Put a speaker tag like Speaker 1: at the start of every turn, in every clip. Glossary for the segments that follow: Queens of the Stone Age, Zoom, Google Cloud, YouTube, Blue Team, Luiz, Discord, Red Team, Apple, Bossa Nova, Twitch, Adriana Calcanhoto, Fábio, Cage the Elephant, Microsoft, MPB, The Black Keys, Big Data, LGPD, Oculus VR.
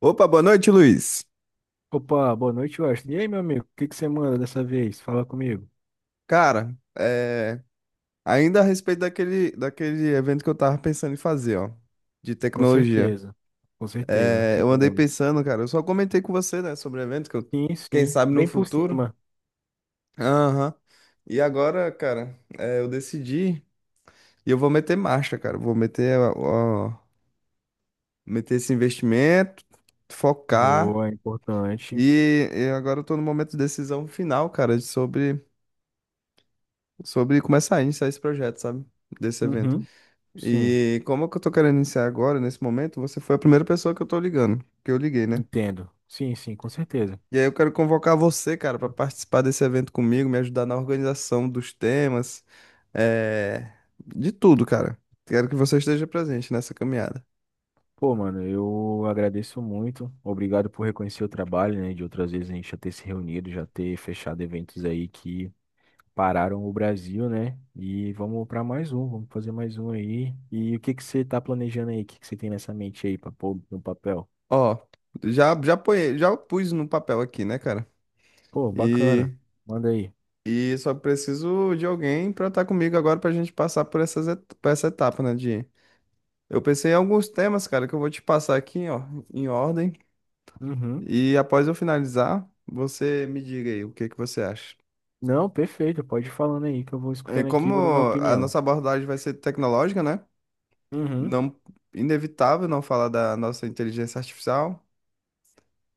Speaker 1: Opa, boa noite, Luiz.
Speaker 2: Opa, boa noite, Washington. E aí, meu amigo, o que que você manda dessa vez? Fala comigo.
Speaker 1: Cara, ainda a respeito daquele evento que eu tava pensando em fazer, ó, de
Speaker 2: Com
Speaker 1: tecnologia.
Speaker 2: certeza, com certeza, eu
Speaker 1: Eu andei
Speaker 2: lembro.
Speaker 1: pensando, cara, eu só comentei com você, né, sobre o evento que eu,
Speaker 2: Sim,
Speaker 1: quem
Speaker 2: sim,
Speaker 1: sabe no
Speaker 2: bem por
Speaker 1: futuro.
Speaker 2: cima.
Speaker 1: Aham. E agora, cara, eu decidi e eu vou meter marcha, cara. Vou meter, ó, meter esse investimento, focar.
Speaker 2: Boa, importante.
Speaker 1: E agora eu tô no momento de decisão final, cara, sobre começar a iniciar esse projeto, sabe? Desse evento.
Speaker 2: Uhum, sim,
Speaker 1: E como é que eu tô querendo iniciar agora, nesse momento, você foi a primeira pessoa que eu liguei, né?
Speaker 2: entendo. Sim, sim, com certeza.
Speaker 1: E aí eu quero convocar você, cara, pra participar desse evento comigo, me ajudar na organização dos temas, é... de tudo, cara. Quero que você esteja presente nessa caminhada.
Speaker 2: Pô, mano, eu agradeço muito. Obrigado por reconhecer o trabalho, né? De outras vezes a gente já ter se reunido, já ter fechado eventos aí que pararam o Brasil, né? E vamos para mais um, vamos fazer mais um aí. E o que que você tá planejando aí? O que que você tem nessa mente aí para pôr no papel?
Speaker 1: Ó, já já ponhei, já pus no papel aqui, né, cara?
Speaker 2: Pô, bacana.
Speaker 1: E
Speaker 2: Manda aí.
Speaker 1: e só preciso de alguém pra estar comigo agora pra gente passar por essa etapa, né, de eu pensei em alguns temas, cara, que eu vou te passar aqui, ó, em ordem.
Speaker 2: Uhum.
Speaker 1: E após eu finalizar, você me diga aí o que que você acha.
Speaker 2: Não, perfeito. Pode ir falando aí que eu vou escutando aqui e
Speaker 1: Como
Speaker 2: vou dando uma
Speaker 1: a
Speaker 2: opinião.
Speaker 1: nossa abordagem vai ser tecnológica, né?
Speaker 2: Uhum.
Speaker 1: Não, inevitável não falar da nossa inteligência artificial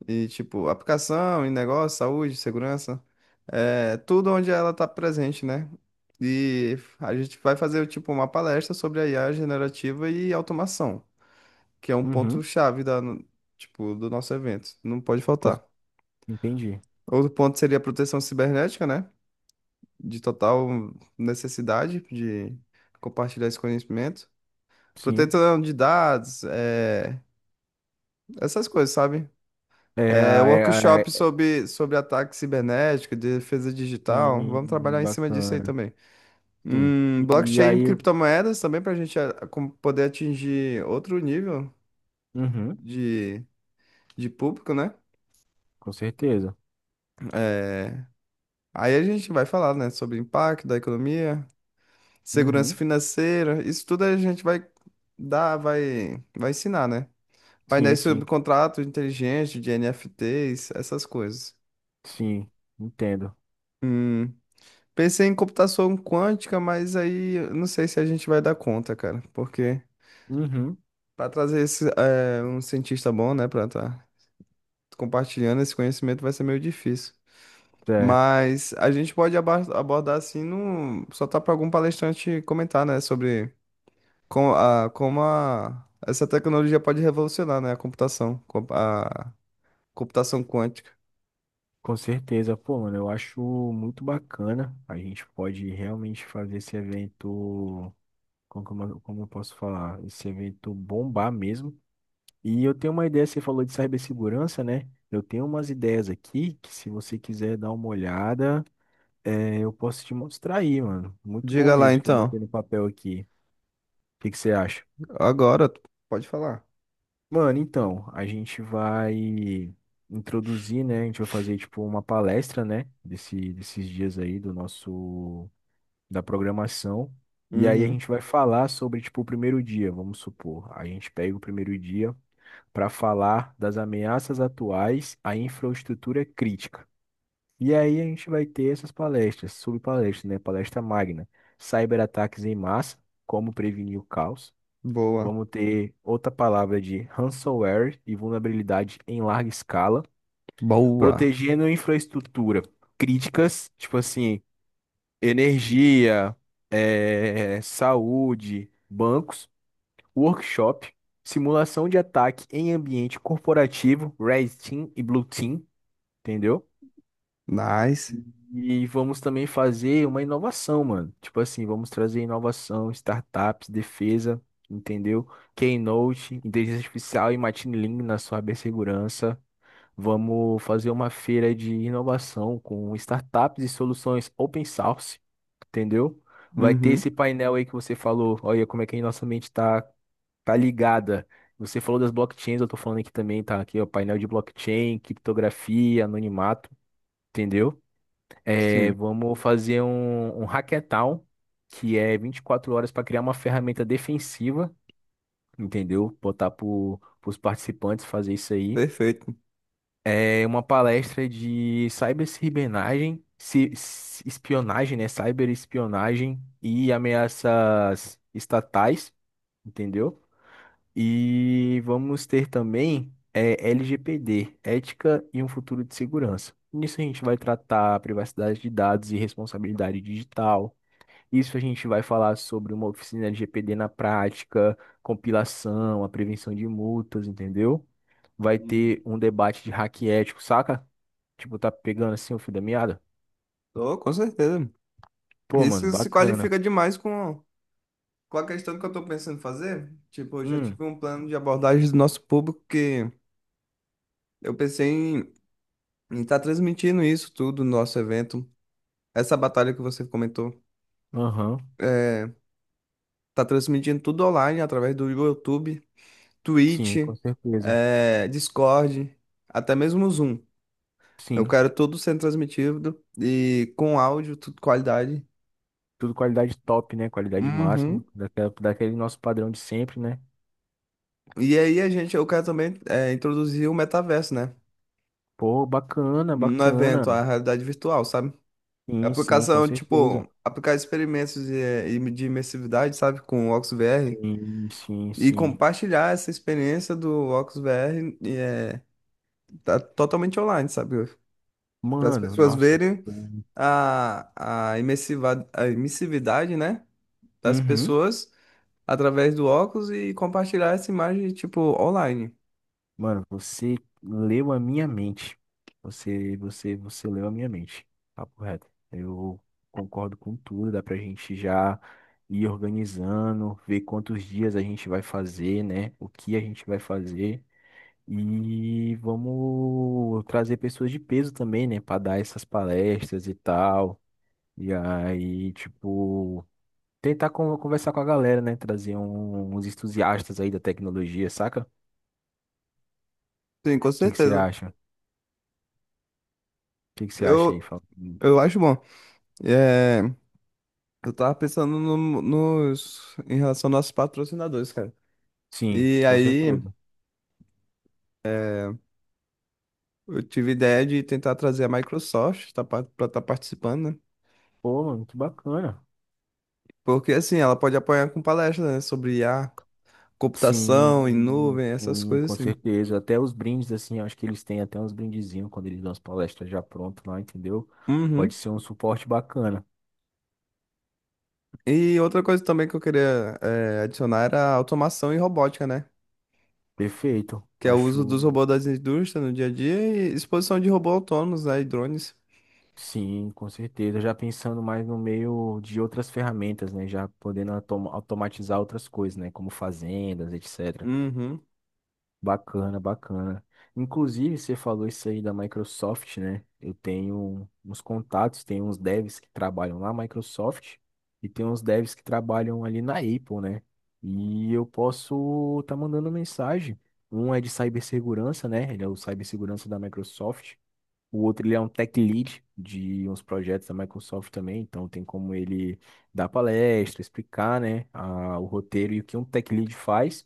Speaker 1: e tipo aplicação em negócio, saúde, segurança, é, tudo onde ela está presente, né? E a gente vai fazer tipo uma palestra sobre a IA generativa e automação, que é um ponto
Speaker 2: Uhum.
Speaker 1: chave da, no- tipo, do nosso evento. Não pode
Speaker 2: Cons-
Speaker 1: faltar.
Speaker 2: Entendi.
Speaker 1: Outro ponto seria a proteção cibernética, né? De total necessidade de compartilhar esse conhecimento.
Speaker 2: Sim.
Speaker 1: Proteção de dados, é, essas coisas, sabe?
Speaker 2: É,
Speaker 1: É,
Speaker 2: é,
Speaker 1: workshop
Speaker 2: é,
Speaker 1: sobre ataque cibernético, defesa digital. Vamos
Speaker 2: sim,
Speaker 1: trabalhar em cima disso aí
Speaker 2: bacana.
Speaker 1: também.
Speaker 2: Sim. E
Speaker 1: Blockchain e
Speaker 2: aí,
Speaker 1: criptomoedas também para a gente ah, poder atingir outro nível
Speaker 2: uhum,
Speaker 1: de, de público, né?
Speaker 2: com certeza.
Speaker 1: É, aí a gente vai falar, né, sobre o impacto da economia, segurança
Speaker 2: Uhum.
Speaker 1: financeira, isso tudo a gente vai dar, vai ensinar, né?
Speaker 2: Sim,
Speaker 1: Painéis sobre
Speaker 2: sim.
Speaker 1: contratos inteligentes de NFTs, essas coisas.
Speaker 2: Sim, entendo.
Speaker 1: Hum, pensei em computação quântica, mas aí eu não sei se a gente vai dar conta, cara, porque
Speaker 2: Uhum.
Speaker 1: para trazer esse, é, um cientista bom, né, para estar compartilhando esse conhecimento vai ser meio difícil.
Speaker 2: Certo.
Speaker 1: Mas a gente pode abordar assim, num, só tá para algum palestrante comentar, né, sobre como a, essa tecnologia pode revolucionar, né? A computação, a computação quântica.
Speaker 2: Com certeza, pô, mano, eu acho muito bacana. A gente pode realmente fazer esse evento, como, como eu posso falar, esse evento bombar mesmo. E eu tenho uma ideia, você falou de cibersegurança, né? Eu tenho umas ideias aqui que se você quiser dar uma olhada, eu posso te mostrar aí, mano. Muito bom
Speaker 1: Diga lá
Speaker 2: mesmo que eu
Speaker 1: então.
Speaker 2: botei no papel aqui. O que que você acha?
Speaker 1: Agora, tu pode falar.
Speaker 2: Mano, então, a gente vai introduzir, né? A gente vai fazer tipo uma palestra, né? Desses dias aí do nosso da programação. E aí a
Speaker 1: Uhum.
Speaker 2: gente vai falar sobre, tipo, o primeiro dia, vamos supor. A gente pega o primeiro dia para falar das ameaças atuais à infraestrutura crítica. E aí a gente vai ter essas palestras, subpalestras, né? Palestra magna, cyberataques em massa, como prevenir o caos.
Speaker 1: Boa.
Speaker 2: Vamos ter outra palavra de ransomware e vulnerabilidade em larga escala,
Speaker 1: Boa.
Speaker 2: protegendo infraestrutura críticas, tipo assim, energia, saúde, bancos, workshop, simulação de ataque em ambiente corporativo, Red Team e Blue Team, entendeu?
Speaker 1: Nice.
Speaker 2: E vamos também fazer uma inovação, mano. Tipo assim, vamos trazer inovação, startups, defesa, entendeu? Keynote, inteligência artificial e machine learning na sua cibersegurança. Vamos fazer uma feira de inovação com startups e soluções open source, entendeu? Vai ter
Speaker 1: Uhum.
Speaker 2: esse painel aí que você falou. Olha como é que a nossa mente tá, tá ligada. Você falou das blockchains, eu tô falando aqui também, tá? Aqui, ó, painel de blockchain, criptografia, anonimato, entendeu? É,
Speaker 1: Sim.
Speaker 2: vamos fazer um hackathon, que é 24 horas para criar uma ferramenta defensiva, entendeu? Botar para os participantes fazer isso aí.
Speaker 1: Perfeito.
Speaker 2: É uma palestra de ciberespionagem, espionagem, né? Cyberespionagem e ameaças estatais, entendeu? E vamos ter também é, LGPD, ética e um futuro de segurança. Nisso a gente vai tratar privacidade de dados e responsabilidade digital. Isso a gente vai falar sobre uma oficina de LGPD na prática, compilação, a prevenção de multas, entendeu? Vai
Speaker 1: Uhum.
Speaker 2: ter um debate de hack ético, saca? Tipo, tá pegando assim o fio da meada?
Speaker 1: Tô, com certeza.
Speaker 2: Pô, mano,
Speaker 1: Isso se
Speaker 2: bacana.
Speaker 1: qualifica demais com a questão que eu tô pensando em fazer. Tipo, eu já
Speaker 2: Hum,
Speaker 1: tive um plano de abordagem do nosso público que eu pensei em estar transmitindo isso tudo no nosso evento. Essa batalha que você comentou.
Speaker 2: aham.
Speaker 1: É, tá transmitindo tudo online através do YouTube, Twitch,
Speaker 2: Sim, com certeza.
Speaker 1: é, Discord, até mesmo o Zoom. Eu
Speaker 2: Sim.
Speaker 1: quero tudo sendo transmitido e com áudio, tudo qualidade.
Speaker 2: Tudo qualidade top, né? Qualidade máxima.
Speaker 1: Uhum.
Speaker 2: Daquela, daquele nosso padrão de sempre, né?
Speaker 1: E aí a gente, eu quero também é, introduzir o metaverso, né?
Speaker 2: Pô, bacana,
Speaker 1: No
Speaker 2: bacana.
Speaker 1: evento, a realidade virtual, sabe?
Speaker 2: Sim, sim, com
Speaker 1: Aplicação,
Speaker 2: certeza.
Speaker 1: tipo, aplicar experimentos de imersividade, sabe? Com o Oculus VR.
Speaker 2: Sim, sim,
Speaker 1: E
Speaker 2: sim.
Speaker 1: compartilhar essa experiência do Oculus VR e, é, tá totalmente online, sabe? Para as
Speaker 2: Mano,
Speaker 1: pessoas
Speaker 2: nossa.
Speaker 1: verem a imersividade, né, das
Speaker 2: Uhum.
Speaker 1: pessoas através do óculos e compartilhar essa imagem, tipo, online.
Speaker 2: Mano, você leu a minha mente. Você leu a minha mente. Papo reto. Eu concordo com tudo. Dá pra gente já ir organizando, ver quantos dias a gente vai fazer, né? O que a gente vai fazer. E vamos trazer pessoas de peso também, né? Pra dar essas palestras e tal. E aí, tipo, tentar conversar com a galera, né? Trazer uns entusiastas aí da tecnologia, saca? O
Speaker 1: Sim, com
Speaker 2: que que você
Speaker 1: certeza.
Speaker 2: acha? Que você acha aí,
Speaker 1: Eu,
Speaker 2: Fábio?
Speaker 1: eu acho bom. É, eu tava pensando em relação aos nossos patrocinadores, cara.
Speaker 2: Sim,
Speaker 1: E
Speaker 2: com
Speaker 1: aí
Speaker 2: certeza.
Speaker 1: eu tive ideia de tentar trazer a Microsoft tá, para estar participando, né?
Speaker 2: Pô, mano, que bacana.
Speaker 1: Porque assim, ela pode apoiar com palestras, né, sobre I a
Speaker 2: Sim,
Speaker 1: computação em nuvem, essas
Speaker 2: sim,
Speaker 1: coisas
Speaker 2: com
Speaker 1: assim.
Speaker 2: certeza. Até os brindes, assim, acho que eles têm até uns brindezinhos quando eles dão as palestras já pronto lá, entendeu? Pode
Speaker 1: Uhum.
Speaker 2: ser um suporte bacana.
Speaker 1: E outra coisa também que eu queria eh, adicionar era a automação e robótica, né?
Speaker 2: Perfeito.
Speaker 1: Que é o uso
Speaker 2: Acho,
Speaker 1: dos robôs das indústrias no dia a dia e exposição de robôs autônomos, né, e drones.
Speaker 2: sim, com certeza. Já pensando mais no meio de outras ferramentas, né? Já podendo automatizar outras coisas, né? Como fazendas, etc.
Speaker 1: Uhum,
Speaker 2: Bacana, bacana. Inclusive, você falou isso aí da Microsoft, né? Eu tenho uns contatos, tem uns devs que trabalham na Microsoft e tem uns devs que trabalham ali na Apple, né? E eu posso estar mandando mensagem. Um é de cibersegurança, né? Ele é o cibersegurança da Microsoft. O outro, ele é um tech lead de uns projetos da Microsoft também. Então, tem como ele dar palestra, explicar, né, o roteiro e o que um tech lead faz.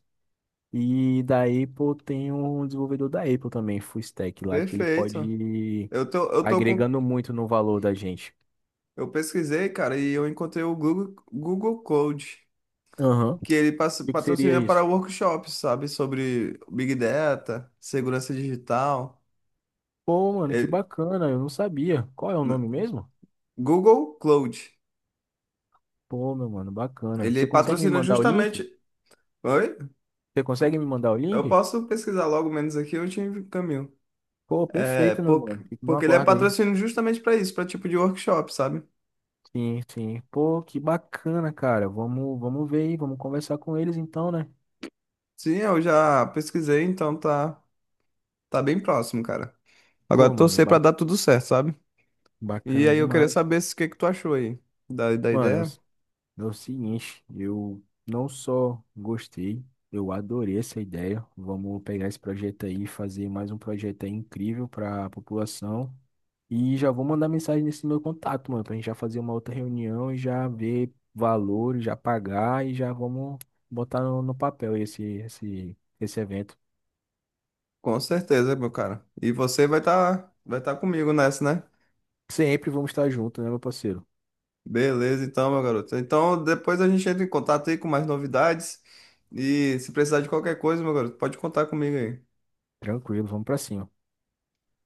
Speaker 2: E da Apple tem um desenvolvedor da Apple também, full stack lá, que ele pode
Speaker 1: perfeito.
Speaker 2: ir
Speaker 1: Eu tô com,
Speaker 2: agregando muito no valor da gente.
Speaker 1: eu pesquisei, cara, e eu encontrei o Google, Google Code,
Speaker 2: Aham.
Speaker 1: que ele
Speaker 2: E o que seria
Speaker 1: patrocina para
Speaker 2: isso?
Speaker 1: workshops, sabe, sobre Big Data, segurança digital.
Speaker 2: Pô, mano, que
Speaker 1: Ele-
Speaker 2: bacana, eu não sabia. Qual é o nome mesmo?
Speaker 1: Google Cloud.
Speaker 2: Pô, meu mano, bacana.
Speaker 1: Ele
Speaker 2: Você consegue me
Speaker 1: patrocina
Speaker 2: mandar o link?
Speaker 1: justamente. Oi?
Speaker 2: Você consegue me mandar o
Speaker 1: Eu
Speaker 2: link?
Speaker 1: posso pesquisar logo menos aqui, eu te encaminho.
Speaker 2: Pô,
Speaker 1: É,
Speaker 2: perfeito, meu mano. Fico no
Speaker 1: porque ele é
Speaker 2: aguardo aí.
Speaker 1: patrocínio justamente para isso, para tipo de workshop, sabe?
Speaker 2: Sim, sim. Pô, que bacana, cara. Vamos, vamos ver aí, vamos conversar com eles então, né?
Speaker 1: Sim, eu já pesquisei, então tá bem próximo, cara. Agora
Speaker 2: Pô, mano,
Speaker 1: torcer para dar tudo certo, sabe? E
Speaker 2: bacana
Speaker 1: aí eu queria
Speaker 2: demais.
Speaker 1: saber se o que que tu achou aí da
Speaker 2: Mano, eu
Speaker 1: ideia.
Speaker 2: É o seguinte, eu não só gostei, eu adorei essa ideia. Vamos pegar esse projeto aí e fazer mais um projeto aí incrível para a população. E já vou mandar mensagem nesse meu contato, mano, pra gente já fazer uma outra reunião e já ver valores, já pagar e já vamos botar no papel esse evento.
Speaker 1: Com certeza, meu cara. E você vai estar vai tá comigo nessa, né?
Speaker 2: Sempre vamos estar juntos, né, meu parceiro?
Speaker 1: Beleza, então, meu garoto. Então depois a gente entra em contato aí com mais novidades. E se precisar de qualquer coisa, meu garoto, pode contar comigo aí.
Speaker 2: Tranquilo, vamos pra cima.